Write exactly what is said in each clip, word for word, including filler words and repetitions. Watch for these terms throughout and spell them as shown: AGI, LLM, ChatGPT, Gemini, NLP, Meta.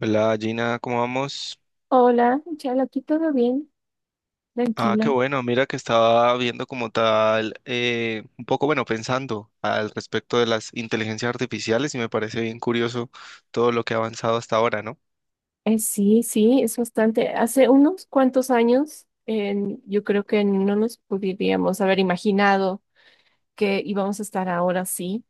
Hola Gina, ¿cómo vamos? Hola, Chal, aquí todo bien, Ah, qué tranquila. bueno, mira que estaba viendo como tal, eh, un poco bueno, pensando al respecto de las inteligencias artificiales y me parece bien curioso todo lo que ha avanzado hasta ahora, ¿no? Eh, sí, sí, es bastante. Hace unos cuantos años, en- yo creo que no nos podríamos haber imaginado que íbamos a estar ahora sí,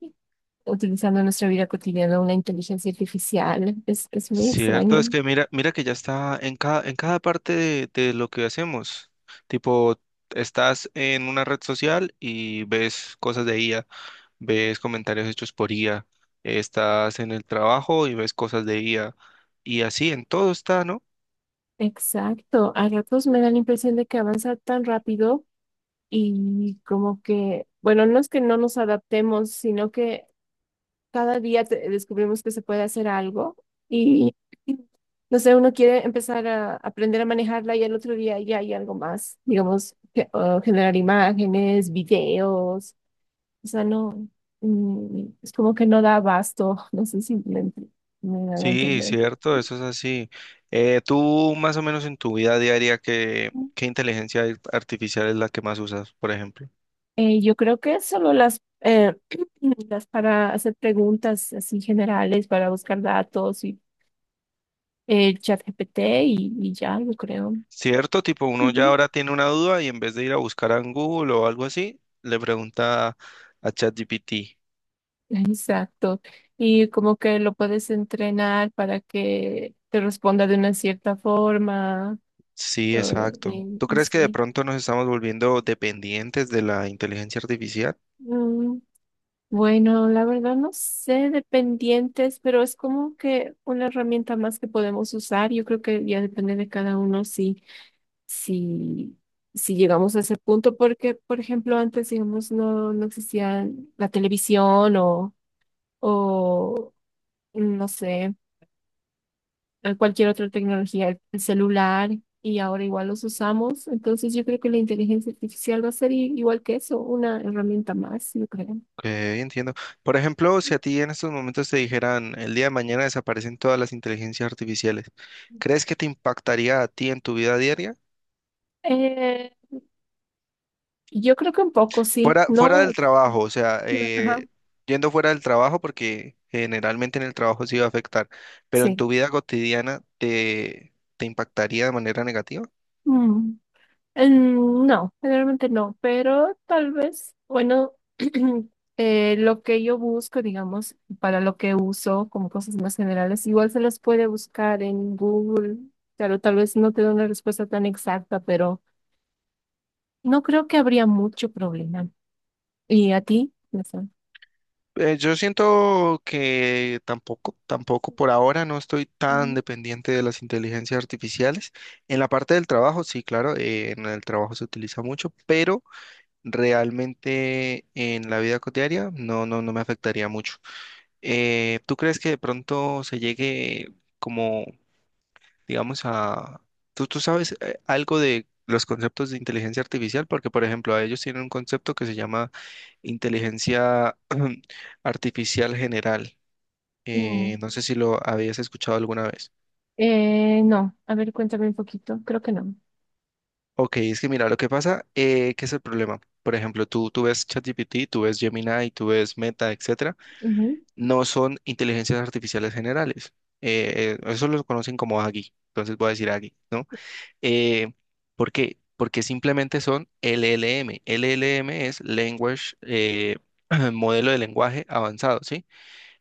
utilizando en nuestra vida cotidiana una inteligencia artificial. Es, es muy Cierto, es extraño. que mira, mira que ya está en cada, en cada parte de, de lo que hacemos. Tipo, estás en una red social y ves cosas de I A, ves comentarios hechos por I A, estás en el trabajo y ves cosas de I A. Y así en todo está, ¿no? Exacto, a ratos me da la impresión de que avanza tan rápido y como que, bueno, no es que no nos adaptemos, sino que cada día te- descubrimos que se puede hacer algo y, no sé, uno quiere empezar a aprender a manejarla y al otro día ya hay algo más, digamos, ge- o generar imágenes, videos, o sea, no, mm, es como que no da abasto, no sé si me, ent- me hago Sí, entender. cierto, eso es así. Eh, tú más o menos en tu vida diaria, ¿qué, qué inteligencia ar- artificial es la que más usas, por ejemplo? Eh, yo creo que solo las, eh, las para hacer preguntas así generales, para buscar datos y el chat G P T y, y ya, yo creo. Cierto, tipo uno ya Ujú. ahora tiene una duda y en vez de ir a buscar a Google o algo así, le pregunta a ChatGPT. Exacto. Y como que lo puedes entrenar para que te responda de una cierta forma. Sí, o- exacto. y, ¿Tú y crees que de sí. pronto nos estamos volviendo dependientes de la inteligencia artificial? Mm, bueno, la verdad no sé de pendientes, pero es como que una herramienta más que podemos usar. Yo creo que ya depende de cada uno si, si, si llegamos a ese punto, porque, por ejemplo, antes, digamos, no, no existía la televisión o, o no sé a cualquier otra tecnología, el celular, y ahora igual los usamos. Entonces yo creo que la inteligencia artificial va a ser i- igual que eso, una herramienta más, yo creo. Ok, entiendo. Por ejemplo, si a ti en estos momentos te dijeran, el día de mañana desaparecen todas las inteligencias artificiales, ¿crees que te impactaría a ti en tu vida diaria? Eh, yo creo que un poco, sí. Fuera, fuera No. del trabajo, o sea, Ajá, eh, yendo fuera del trabajo, porque generalmente en el trabajo sí va a afectar, pero en sí. tu vida cotidiana, ¿te, te impactaría de manera negativa? Mm, mm, No, generalmente no, pero tal vez, bueno, eh, lo que yo busco, digamos, para lo que uso como cosas más generales, igual se las puede buscar en Google. Claro, tal vez no te da una respuesta tan exacta, pero no creo que habría mucho problema. ¿Y a ti? No sé. Eh, yo siento que tampoco, tampoco por ahora no estoy tan Ujú. dependiente de las inteligencias artificiales. En la parte del trabajo, sí, claro, eh, en el trabajo se utiliza mucho, pero realmente en la vida cotidiana no, no, no me afectaría mucho. Eh, ¿tú crees que de pronto se llegue como digamos, a... Tú, tú sabes eh, algo de los conceptos de inteligencia artificial, porque, por ejemplo, a ellos tienen un concepto que se llama inteligencia artificial general. Eh, Mm, No sé si lo habías escuchado alguna vez. eh, no, a ver, cuéntame un poquito. Creo que no. Ok, es que mira, lo que pasa, eh, ¿qué es el problema? Por ejemplo, tú, tú ves ChatGPT, tú ves Gemini, tú ves Meta, etcétera, Ujú. no son inteligencias artificiales generales. Eh, eh, eso lo conocen como A G I, entonces voy a decir A G I, ¿no? Eh, ¿Por qué? Porque simplemente son L L M. L L M es Language, eh, modelo de lenguaje avanzado, ¿sí?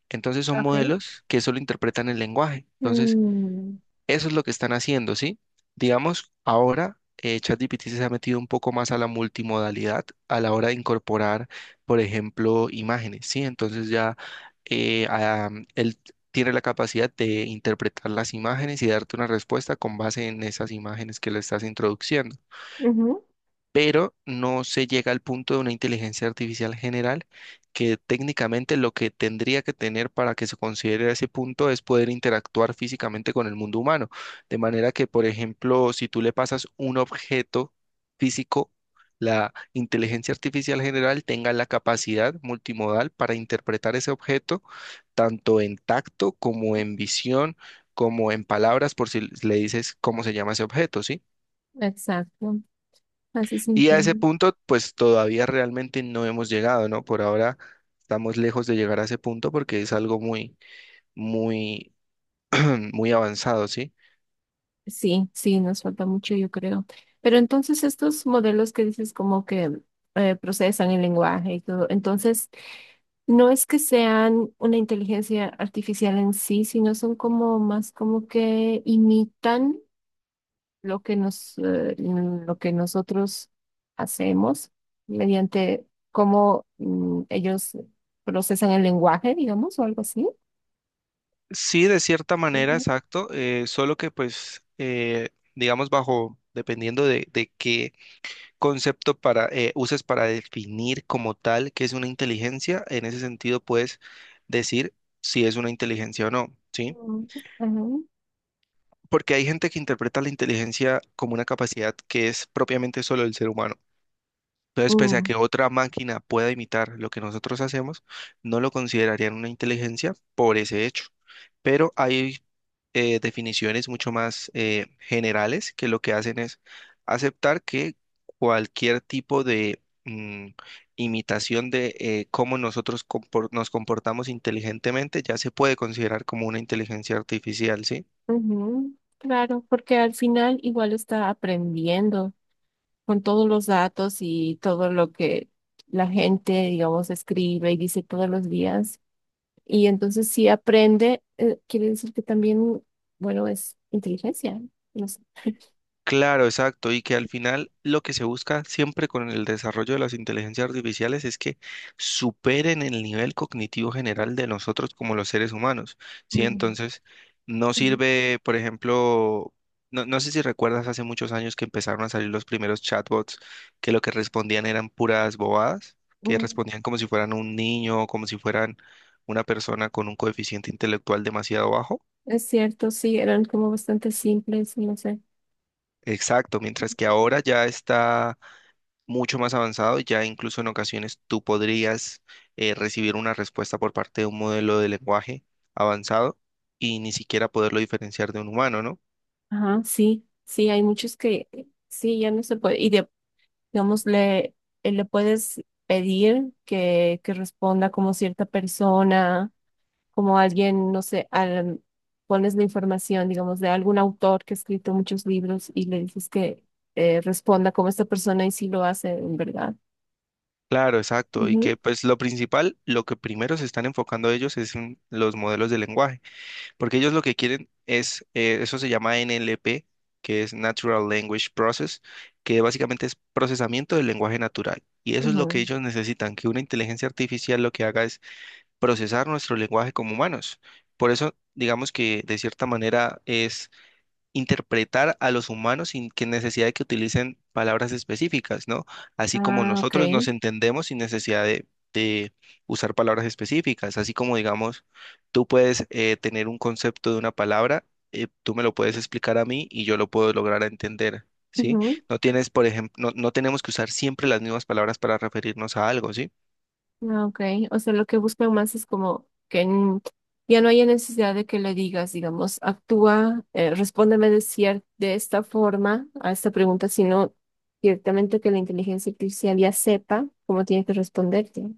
Entonces son Ok. modelos que solo interpretan el lenguaje. Entonces, Mm, eso es lo que están haciendo, ¿sí? Digamos, ahora eh, ChatGPT se ha metido un poco más a la multimodalidad a la hora de incorporar, por ejemplo, imágenes, ¿sí? Entonces ya eh, ah, él tiene la capacidad de interpretar las imágenes y darte una respuesta con base en esas imágenes que le estás introduciendo, ujú, pero no se llega al punto de una inteligencia artificial general que técnicamente lo que tendría que tener para que se considere ese punto es poder interactuar físicamente con el mundo humano. De manera que, por ejemplo, si tú le pasas un objeto físico, la inteligencia artificial general tenga la capacidad multimodal para interpretar ese objeto tanto en tacto como en visión, como en palabras, por si le dices cómo se llama ese objeto, ¿sí? exacto. Así se Y a ese entiende. punto, pues todavía realmente no hemos llegado, ¿no? Por ahora estamos lejos de llegar a ese punto porque es algo muy, muy, muy avanzado, ¿sí? Sí, sí, nos falta mucho, yo creo. Pero entonces estos modelos que dices como que eh, procesan el lenguaje y todo, entonces no es que sean una inteligencia artificial en sí, sino son como más como que imitan. Lo que nos, eh, mm, lo que nosotros hacemos mediante cómo mm, ellos procesan el lenguaje, digamos, o algo así. Sí, de cierta manera, Ujú, exacto, eh, solo que pues, eh, digamos, bajo, dependiendo de, de qué concepto para, eh, uses para definir como tal qué es una inteligencia, en ese sentido puedes decir si es una inteligencia o no, ¿sí? ujú, Porque hay gente que interpreta la inteligencia como una capacidad que es propiamente solo del ser humano. Entonces, pese ujú, a que mm, otra máquina pueda imitar lo que nosotros hacemos, no lo considerarían una inteligencia por ese hecho. Pero hay eh, definiciones mucho más eh, generales que lo que hacen es aceptar que cualquier tipo de mm, imitación de eh, cómo nosotros compor- nos comportamos inteligentemente ya se puede considerar como una inteligencia artificial, ¿sí? ujú. Claro, porque al final igual está aprendiendo con todos los datos y todo lo que la gente, digamos, escribe y dice todos los días. Y entonces si aprende, eh, quiere decir que también, bueno, es inteligencia. No sé. Claro, exacto, y que al final lo que se busca siempre con el desarrollo de las inteligencias artificiales es que superen el nivel cognitivo general de nosotros como los seres humanos, ¿sí? Entonces, no Mm, sirve, por ejemplo, no, no sé si recuerdas hace muchos años que empezaron a salir los primeros chatbots que lo que respondían eran puras bobadas, que mm, respondían como si fueran un niño, como si fueran una persona con un coeficiente intelectual demasiado bajo. es cierto, sí, eran como bastante simples, no sé. Exacto, mientras que ahora ya está mucho más avanzado, ya incluso en ocasiones tú podrías eh, recibir una respuesta por parte de un modelo de lenguaje avanzado y ni siquiera poderlo diferenciar de un humano, ¿no? Ajá, sí, sí, hay muchos que sí, ya no se puede. Y de- digamos, le, eh, le puedes pedir que, que responda como cierta persona, como alguien, no sé, al- pones la información, digamos, de algún autor que ha escrito muchos libros y le dices que eh, responda como esta persona y sí lo hace, en verdad. Claro, exacto. Y Ujú, que pues lo principal, lo que primero se están enfocando ellos es en los modelos de lenguaje, porque ellos lo que quieren es, eh, eso se llama N L P, que es Natural Language Process, que básicamente es procesamiento del lenguaje natural. Y eso es lo que ujú. ellos necesitan, que una inteligencia artificial lo que haga es procesar nuestro lenguaje como humanos. Por eso, digamos que de cierta manera es interpretar a los humanos sin que necesidad de que utilicen palabras específicas, ¿no? Así como Ah, ok. nosotros nos entendemos sin necesidad de, de usar palabras específicas, así como, digamos, tú puedes eh, tener un concepto de una palabra, eh, tú me lo puedes explicar a mí y yo lo puedo lograr entender. ¿Sí? No tienes, por ejemplo, no, no tenemos que usar siempre las mismas palabras para referirnos a algo, ¿sí? Ah, ok, o sea, lo que buscan más es como que n- ya no haya necesidad de que le digas, digamos, actúa, eh, respóndeme de cier- de esta forma a esta pregunta, sino directamente que la inteligencia artificial ya sepa cómo tiene que responderte.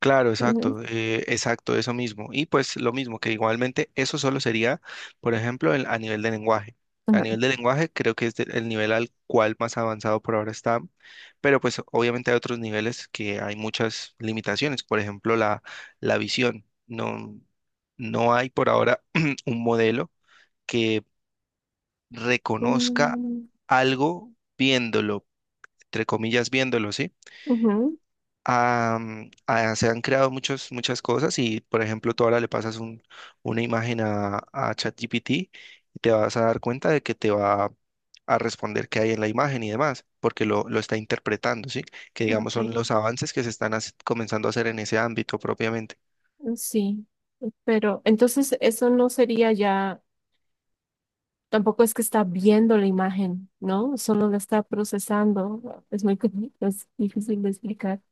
Claro, Ujú, exacto, eh, exacto, eso mismo. Y pues lo mismo, que igualmente eso solo sería, por ejemplo, el- a nivel de lenguaje. A ajá. nivel de lenguaje creo que es de- el nivel al cual más avanzado por ahora está, pero pues obviamente hay otros niveles que hay muchas limitaciones, por ejemplo, la, la visión. No, no hay por ahora un modelo que reconozca Mm, algo viéndolo, entre comillas, viéndolo, ¿sí? ujú, Am, ah, se han creado muchos, muchas cosas y, por ejemplo, tú ahora le pasas un- una imagen a, a ChatGPT y te vas a dar cuenta de que te va a responder qué hay en la imagen y demás, porque lo, lo está interpretando, ¿sí? Que digamos ok, son los avances que se están haci- comenzando a hacer en ese ámbito propiamente. sí, pero entonces eso no sería ya, tampoco es que está viendo la imagen, ¿no? Solo la está procesando. Es muy, com- es difícil de explicar.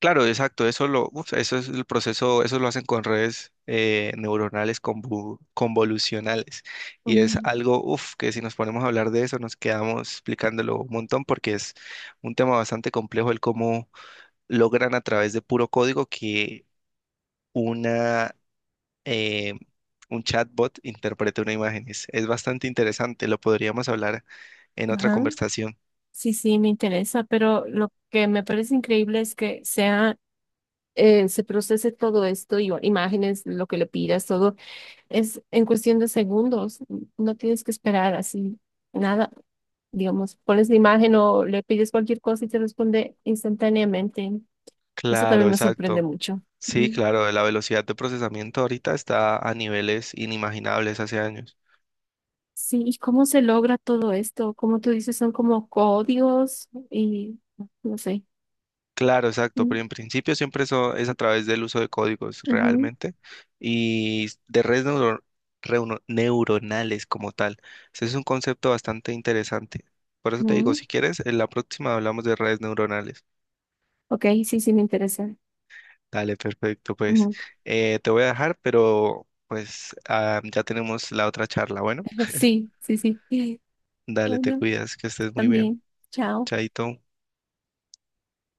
Claro, exacto, eso lo, uf, eso es el proceso, eso lo hacen con redes eh, neuronales convu- convolucionales y es algo, uf, que si nos ponemos a hablar de eso nos quedamos explicándolo un montón porque es un tema bastante complejo el cómo logran a través de puro código que una eh, un chatbot interprete una imagen. Es, es bastante interesante, lo podríamos hablar en otra Ajá. conversación. Sí, sí, me interesa, pero lo que me parece increíble es que sea, eh, se procese todo esto y o- imágenes, lo que le pidas, todo es en cuestión de segundos. n- No tienes que esperar así nada. Digamos, pones la imagen o le pides cualquier cosa y te responde instantáneamente. Eso Claro, también me sorprende exacto. mucho. Sí, Mm. claro, la velocidad de procesamiento ahorita está a niveles inimaginables hace años. Sí, ¿y cómo se logra todo esto? Como tú dices, son como códigos y no sé. Claro, exacto, Mm, pero en principio siempre eso es a través del uso de códigos ujú, realmente y de redes neuro- reuno- neuronales como tal. Ese es un concepto bastante interesante. Por eso te digo, mm. si quieres, en la próxima hablamos de redes neuronales. Ok, sí, sí, me interesa. Dale, perfecto, pues Ujú. eh, te voy a dejar, pero pues ah, ya tenemos la otra charla. Bueno, Sí, sí, sí. dale, te Bueno, cuidas, que estés muy bien. también. Chao. Chaito.